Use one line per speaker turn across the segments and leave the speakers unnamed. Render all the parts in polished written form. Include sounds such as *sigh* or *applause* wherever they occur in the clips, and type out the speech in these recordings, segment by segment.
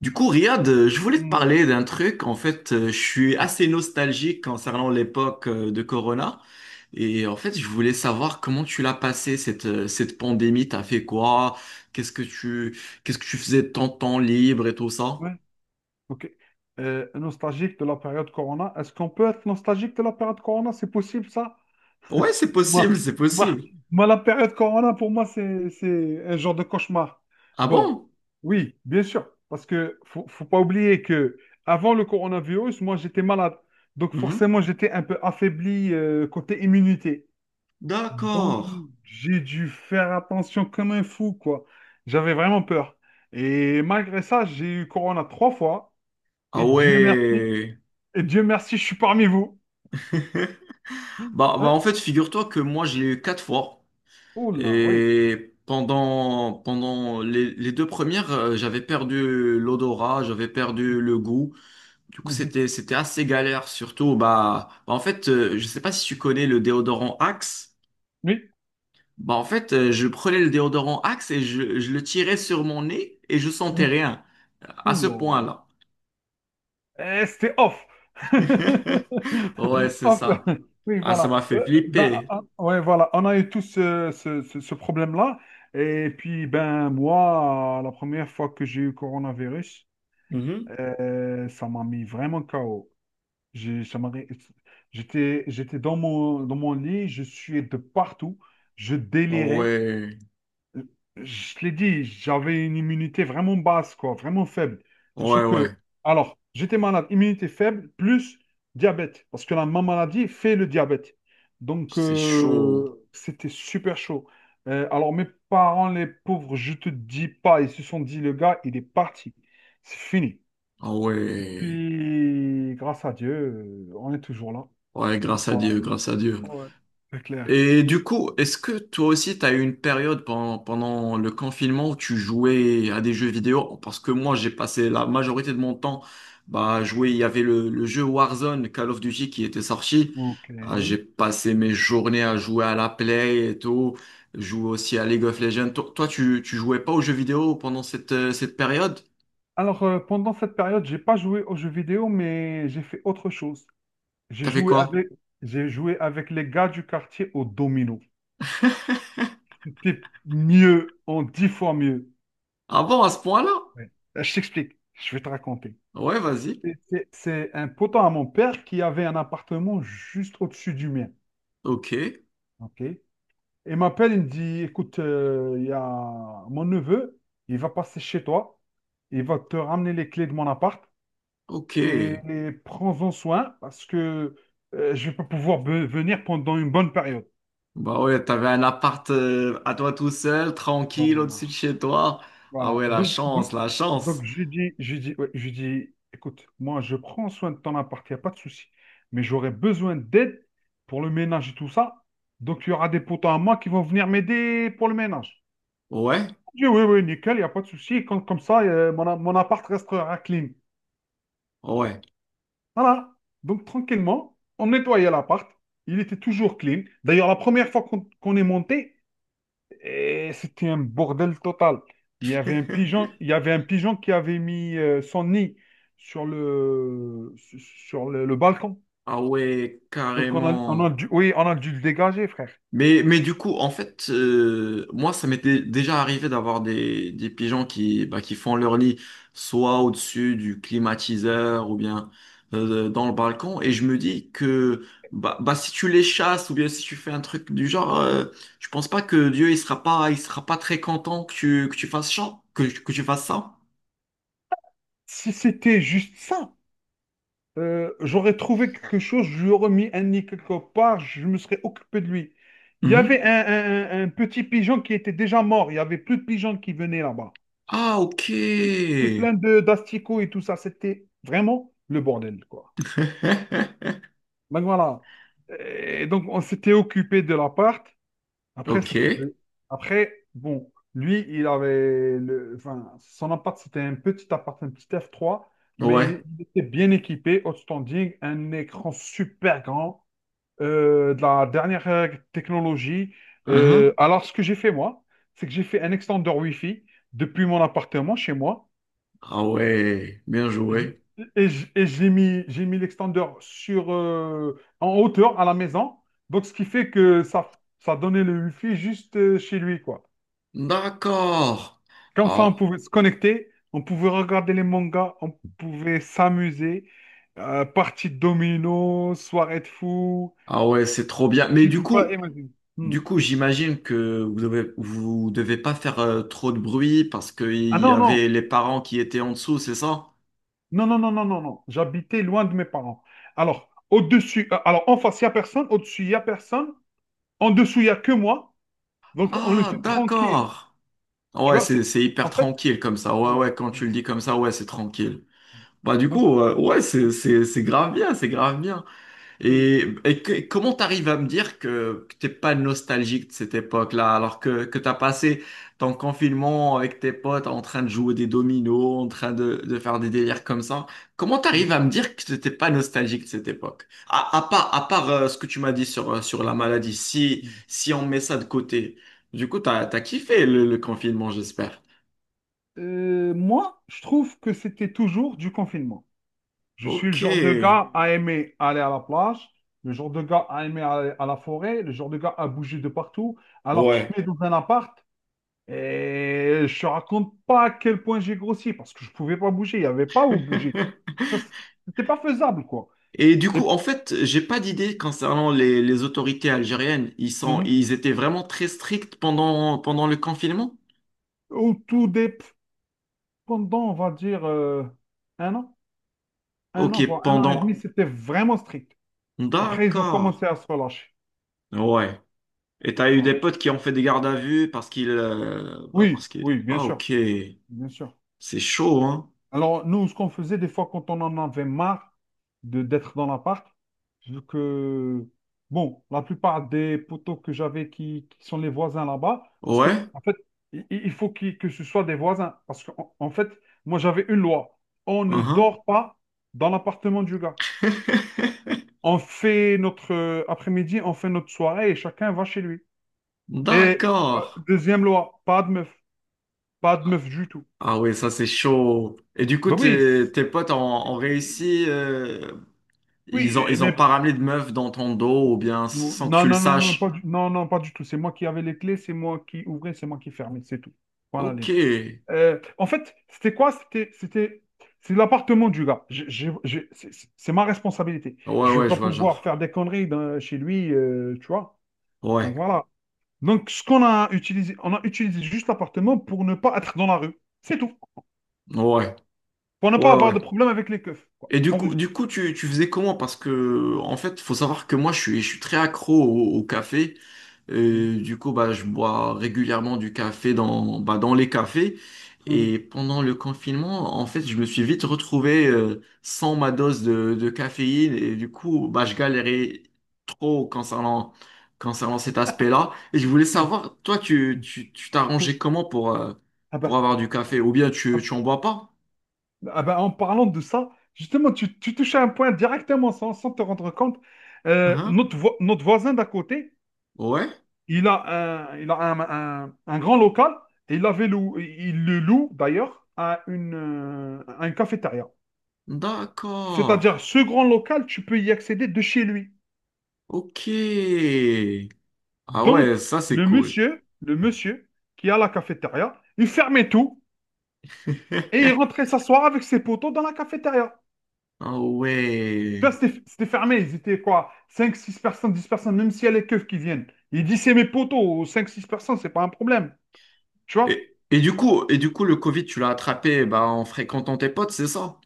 Du coup, Riyad, je voulais te
Hmm,
parler d'un truc. En fait, je suis assez nostalgique concernant l'époque de Corona. Et en fait, je voulais savoir comment tu l'as passé, cette pandémie. T'as fait quoi? Qu'est-ce que qu'est-ce que tu faisais de ton temps libre et tout ça?
ouais, ok. Nostalgique de la période Corona. Est-ce qu'on peut être nostalgique de la période Corona? C'est possible, ça?
Ouais, c'est
Moi,
possible, c'est
moi,
possible.
moi, la période Corona, pour moi, c'est un genre de cauchemar.
Ah
Bon,
bon?
oui, bien sûr, parce que faut pas oublier que avant le coronavirus, moi, j'étais malade. Donc,
Mhm.
forcément, j'étais un peu affaibli côté immunité. Donc,
D'accord.
j'ai dû faire attention comme un fou, quoi. J'avais vraiment peur. Et malgré ça, j'ai eu Corona trois fois.
Ah
Et Dieu merci.
ouais.
Et Dieu merci, je suis parmi vous.
*laughs* Bah,
Hein.
en fait, figure-toi que moi, je l'ai eu quatre fois.
Oula, oui.
Et pendant les deux premières, j'avais perdu l'odorat, j'avais perdu le goût. Du coup,
Mhm.
c'était assez galère, surtout, bah, en fait, je sais pas si tu connais le déodorant Axe.
Oui.
Bah, en fait, je prenais le déodorant Axe et je le tirais sur mon nez et je sentais
Mhm.
rien. À ce
Oula.
point-là.
Eh, c'était off.
*laughs* Ouais,
*laughs*
c'est
Off.
ça.
Oui,
Ah, ça
voilà.
m'a fait
Ben,
flipper.
ouais, voilà. On a eu tous ce problème-là. Et puis, ben, moi, la première fois que j'ai eu coronavirus,
Mhm.
ça m'a mis vraiment KO. J'ai- ça m'a ré- j'étais dans mon lit, je suais de partout, je
Ah
délirais.
ouais,
Je l'ai dit, j'avais une immunité vraiment basse, quoi, vraiment faible. Sachant
ouais,
que,
ouais.
alors, j'étais malade, immunité faible, plus diabète, parce que la ma maladie fait le diabète. Donc,
C'est chaud.
c'était super chaud. Alors, mes parents, les pauvres, je te dis pas, ils se sont dit, le gars, il est parti. C'est fini.
Ah ouais.
Puis, grâce à Dieu, on est toujours là.
Ouais,
Donc,
grâce à
voilà.
Dieu, grâce à Dieu.
Ouais, c'est clair.
Et du coup, est-ce que toi aussi, tu as eu une période pendant le confinement où tu jouais à des jeux vidéo? Parce que moi, j'ai passé la majorité de mon temps bah, à jouer. Il y avait le jeu Warzone, Call of Duty, qui était sorti.
Ok.
Ah, j'ai passé mes journées à jouer à la Play et tout. Jouer aussi à League of Legends. Toi, tu jouais pas aux jeux vidéo pendant cette période?
Alors, pendant cette période, j'ai pas joué aux jeux vidéo, mais j'ai fait autre chose. J'ai
T'as fait
joué
quoi?
avec, j'ai joué avec les gars du quartier au domino. C'était mieux, en dix fois mieux.
Avant, à ce point-là?
Ouais. Je t'explique, je vais te raconter.
Ouais, vas-y.
C'est un potent à mon père qui avait un appartement juste au-dessus du mien.
Ok,
Ok. Il m'appelle, il me dit, écoute, il y a mon neveu, il va passer chez toi, il va te ramener les clés de mon appart.
ok.
Et prends-en soin parce que je vais pas pouvoir venir pendant une bonne période.
Bah ouais, t'avais un appart à toi tout seul, tranquille, au-dessus de
Voilà.
chez toi. Ah
Voilà.
ouais, la
Donc,
chance,
donc,
la
donc,
chance.
ouais, je lui dis, écoute, moi, je prends soin de ton appart, il n'y a pas de souci. Mais j'aurai besoin d'aide pour le ménage et tout ça. Donc, il y aura des potes à moi qui vont venir m'aider pour le ménage.
Ouais,
Il dit, oui, oui, nickel, il n'y a pas de souci. Comme ça, mon appart restera clean.
ouais.
Voilà. Donc, tranquillement, on nettoyait l'appart. Il était toujours clean. D'ailleurs, la première fois qu'on est monté, eh, c'était un bordel total. Il y avait un pigeon, il y avait un pigeon qui avait mis son nid sur le balcon.
Ah ouais,
Donc, on a
carrément.
dû, oui, on a dû le dégager, frère.
Mais, du coup, en fait, moi, ça m'était déjà arrivé d'avoir des pigeons qui, bah, qui font leur lit soit au-dessus du climatiseur ou bien dans le balcon. Et je me dis que bah, si tu les chasses ou bien si tu fais un truc du genre, je pense pas que Dieu il sera pas très content que que tu fasses ça, que tu fasses ça.
Si c'était juste ça, j'aurais trouvé quelque chose, je lui aurais mis un nid quelque part, je me serais occupé de lui. Il y avait
Mhm.
un petit pigeon qui était déjà mort. Il n'y avait plus de pigeons qui venaient là-bas.
Ah, ok.
C'était plein de d'asticots et tout ça. C'était vraiment le bordel, quoi.
*laughs*
Donc voilà. Et donc on s'était occupé de l'appart. Après,
Ok.
ça faisait... Après, bon, lui, enfin, son appart, c'était un petit appart, un petit f trois,
Ouais.
mais il était bien équipé, outstanding, un écran super grand, de la dernière technologie.
Uhum.
Alors, ce que j'ai fait moi, c'est que j'ai fait un extender Wi-Fi depuis mon appartement chez moi.
Ah ouais. Bien
J-
joué.
et j'ai mis l'extender en hauteur à la maison. Donc, ce qui fait que ça donnait le wifi juste chez lui, quoi.
D'accord.
Comme ça, on
Ah,
pouvait se connecter, on pouvait regarder les mangas, on pouvait s'amuser. Partie de domino, soirée de fou.
ah ouais, c'est trop bien. Mais
Tu peux pas imaginer. Hmm.
du coup, j'imagine que vous devez pas faire trop de bruit parce
Ah
qu'il y
non, non,
avait les parents qui étaient en dessous, c'est ça?
non, non, non, non, non, non. J'habitais loin de mes parents. Alors, au-dessus, alors en face, il n'y a personne. Au-dessus, il n'y a personne. En dessous, il n'y a que moi. Donc, on
Ah,
était tranquille.
d'accord. Ah
Tu
ouais,
vois, c'est,
c'est hyper
en fait,
tranquille comme ça. Ouais,
voilà.
ouais, quand tu le dis comme ça, ouais, c'est tranquille. Bah du
Donc,
coup, ouais, c'est grave bien, c'est grave bien.
oui.
Et comment t'arrives à me dire que t'es pas nostalgique de cette époque-là, alors que t'as passé ton confinement avec tes potes en train de jouer des dominos, en train de faire des délires comme ça? Comment t'arrives à me dire que t'étais pas nostalgique de cette époque? À part ce que tu m'as dit sur, sur la maladie, si on met ça de côté, du coup, t'as kiffé le confinement, j'espère.
Moi, je trouve que c'était toujours du confinement. Je suis le
Ok.
genre de gars à aimer aller à la plage, le genre de gars à aimer aller à la forêt, le genre de gars à bouger de partout. Alors, tu
Ouais.
te mets dans un appart et je te raconte pas à quel point j'ai grossi parce que je pouvais pas bouger, il n'y avait pas où bouger.
*laughs*
Ça, C'était pas faisable, quoi.
Et du
Et
coup, en fait, j'ai pas d'idée concernant les autorités algériennes.
Mhm.
Ils étaient vraiment très stricts pendant le confinement?
au tout des, Pendant, on va dire, un an. Un
Ok,
an, voire un an et demi,
pendant.
c'était vraiment strict. Après, ils ont
D'accord.
commencé à se relâcher.
Ouais. Et t'as eu des
Voilà.
potes qui ont fait des gardes à vue parce qu'ils, bah
Oui,
parce qu'ils.
oui, bien
Ah,
sûr,
ok.
bien sûr.
C'est chaud, hein?
Alors, nous, ce qu'on faisait des fois quand on en avait marre de d'être dans l'appart, vu que, bon, la plupart des poteaux que j'avais qui sont les voisins là-bas, parce que,
Ouais.
en fait, i- il faut que ce soit des voisins. Parce qu'en en fait, moi, j'avais une loi. On ne
Uhum.
dort pas dans l'appartement du gars.
*laughs*
On fait notre après-midi, on fait notre soirée et chacun va chez lui. Et
D'accord.
deuxième loi, pas de meuf, pas de
Ah
meuf du tout.
ah ouais, ça c'est chaud. Et du coup,
Ben oui,
tes potes ont, ont réussi.
oui,
Ils ont
mais
pas ramené de meuf dans ton dos ou bien
non,
sans que tu le
non, non, non, pas
saches.
du, non, non, pas du tout. C'est moi qui avais les clés, c'est moi qui ouvrais, c'est moi qui fermais, c'est tout. Voilà.
Ok. Ouais,
En fait, c'était quoi? C'est l'appartement du gars. C'est ma responsabilité. Je vais
ouais,
pas
je vois,
pouvoir
genre.
faire des conneries chez lui, tu vois. Donc
Ouais.
voilà. Donc ce qu'on a utilisé, on a utilisé juste l'appartement pour ne pas être dans la rue. C'est tout.
Ouais.
Pour ne pas
Ouais, ouais,
avoir
ouais.
de problème avec les keufs, quoi.
Et
En résumé.
du coup, tu faisais comment? Parce que, en fait, faut savoir que moi, je suis très accro au, au café. Du coup, bah, je bois régulièrement du café dans, bah, dans les cafés.
Mhm.
Et pendant le confinement, en fait, je me suis vite retrouvé sans ma dose de caféine. Et du coup, bah, je galérais trop concernant cet aspect-là. Et je voulais
Mhm.
savoir, toi,
*laughs*
tu t'arrangeais comment
Ah
pour
bah,
avoir du café? Ou bien
ah-
tu en bois pas?
ah bah, en parlant de ça, justement, tu touches à un point directement sans te rendre compte.
Mhm.
Notre voisin d'à côté,
Ouais.
il a un, un grand local et il avait il le loue d'ailleurs à une cafétéria.
D'accord.
C'est-à-dire, ce grand local, tu peux y accéder de chez lui.
Ok. Ah
Donc,
ouais, ça c'est
le
cool.
monsieur, le monsieur qui a la cafétéria, il fermait tout. Et il
*laughs*
rentrait s'asseoir avec ses potos dans la cafétéria.
Ah
Tu
ouais.
vois, c'était fermé, ils étaient quoi? Cinq, 6 personnes, 10 personnes, même s'il y a les keufs qui viennent. Il dit, c'est mes potos, 5, 6 personnes, c'est pas un problème. Tu vois?
Du coup, et du coup, le Covid, tu l'as attrapé bah, en fréquentant tes potes, c'est ça?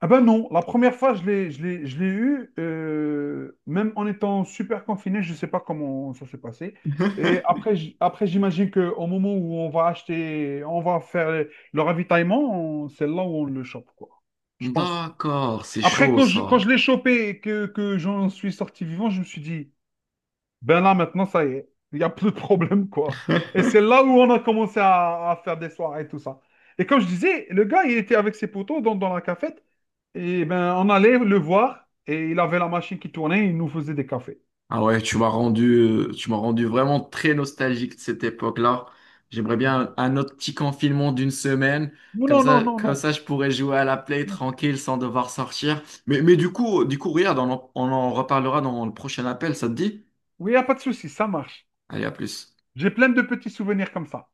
Ah ben non, la première fois, je l'ai eu, même en étant super confiné, je sais pas comment ça s'est passé. Et
*laughs*
après, j'imagine qu'au moment où on va acheter, on va faire le ravitaillement, c'est là où on le chope, quoi. Je pense.
D'accord, c'est
Après,
chaud
quand je, quand
ça.
je l'ai chopé et que j'en suis sorti vivant, je me suis dit, ben là, maintenant, ça y est, il n'y a plus de problème, quoi. Et c'est là où on a commencé à faire des soirées et tout ça. Et comme je disais, le gars, il était avec ses potos dans la cafette, et ben on allait le voir, et il avait la machine qui tournait, il nous faisait des cafés.
Ah ouais, tu m'as rendu vraiment très nostalgique de cette époque-là. J'aimerais
Ah
bien
ben,
un autre petit confinement d'une semaine.
non, non, non,
Comme
non,
ça, je pourrais jouer à la Play
non.
tranquille sans devoir sortir. Mais, du coup, regarde, on en reparlera dans le prochain appel, ça te dit?
Oui, il n'y a pas de souci, ça marche.
Allez, à plus.
J'ai plein de petits souvenirs comme ça.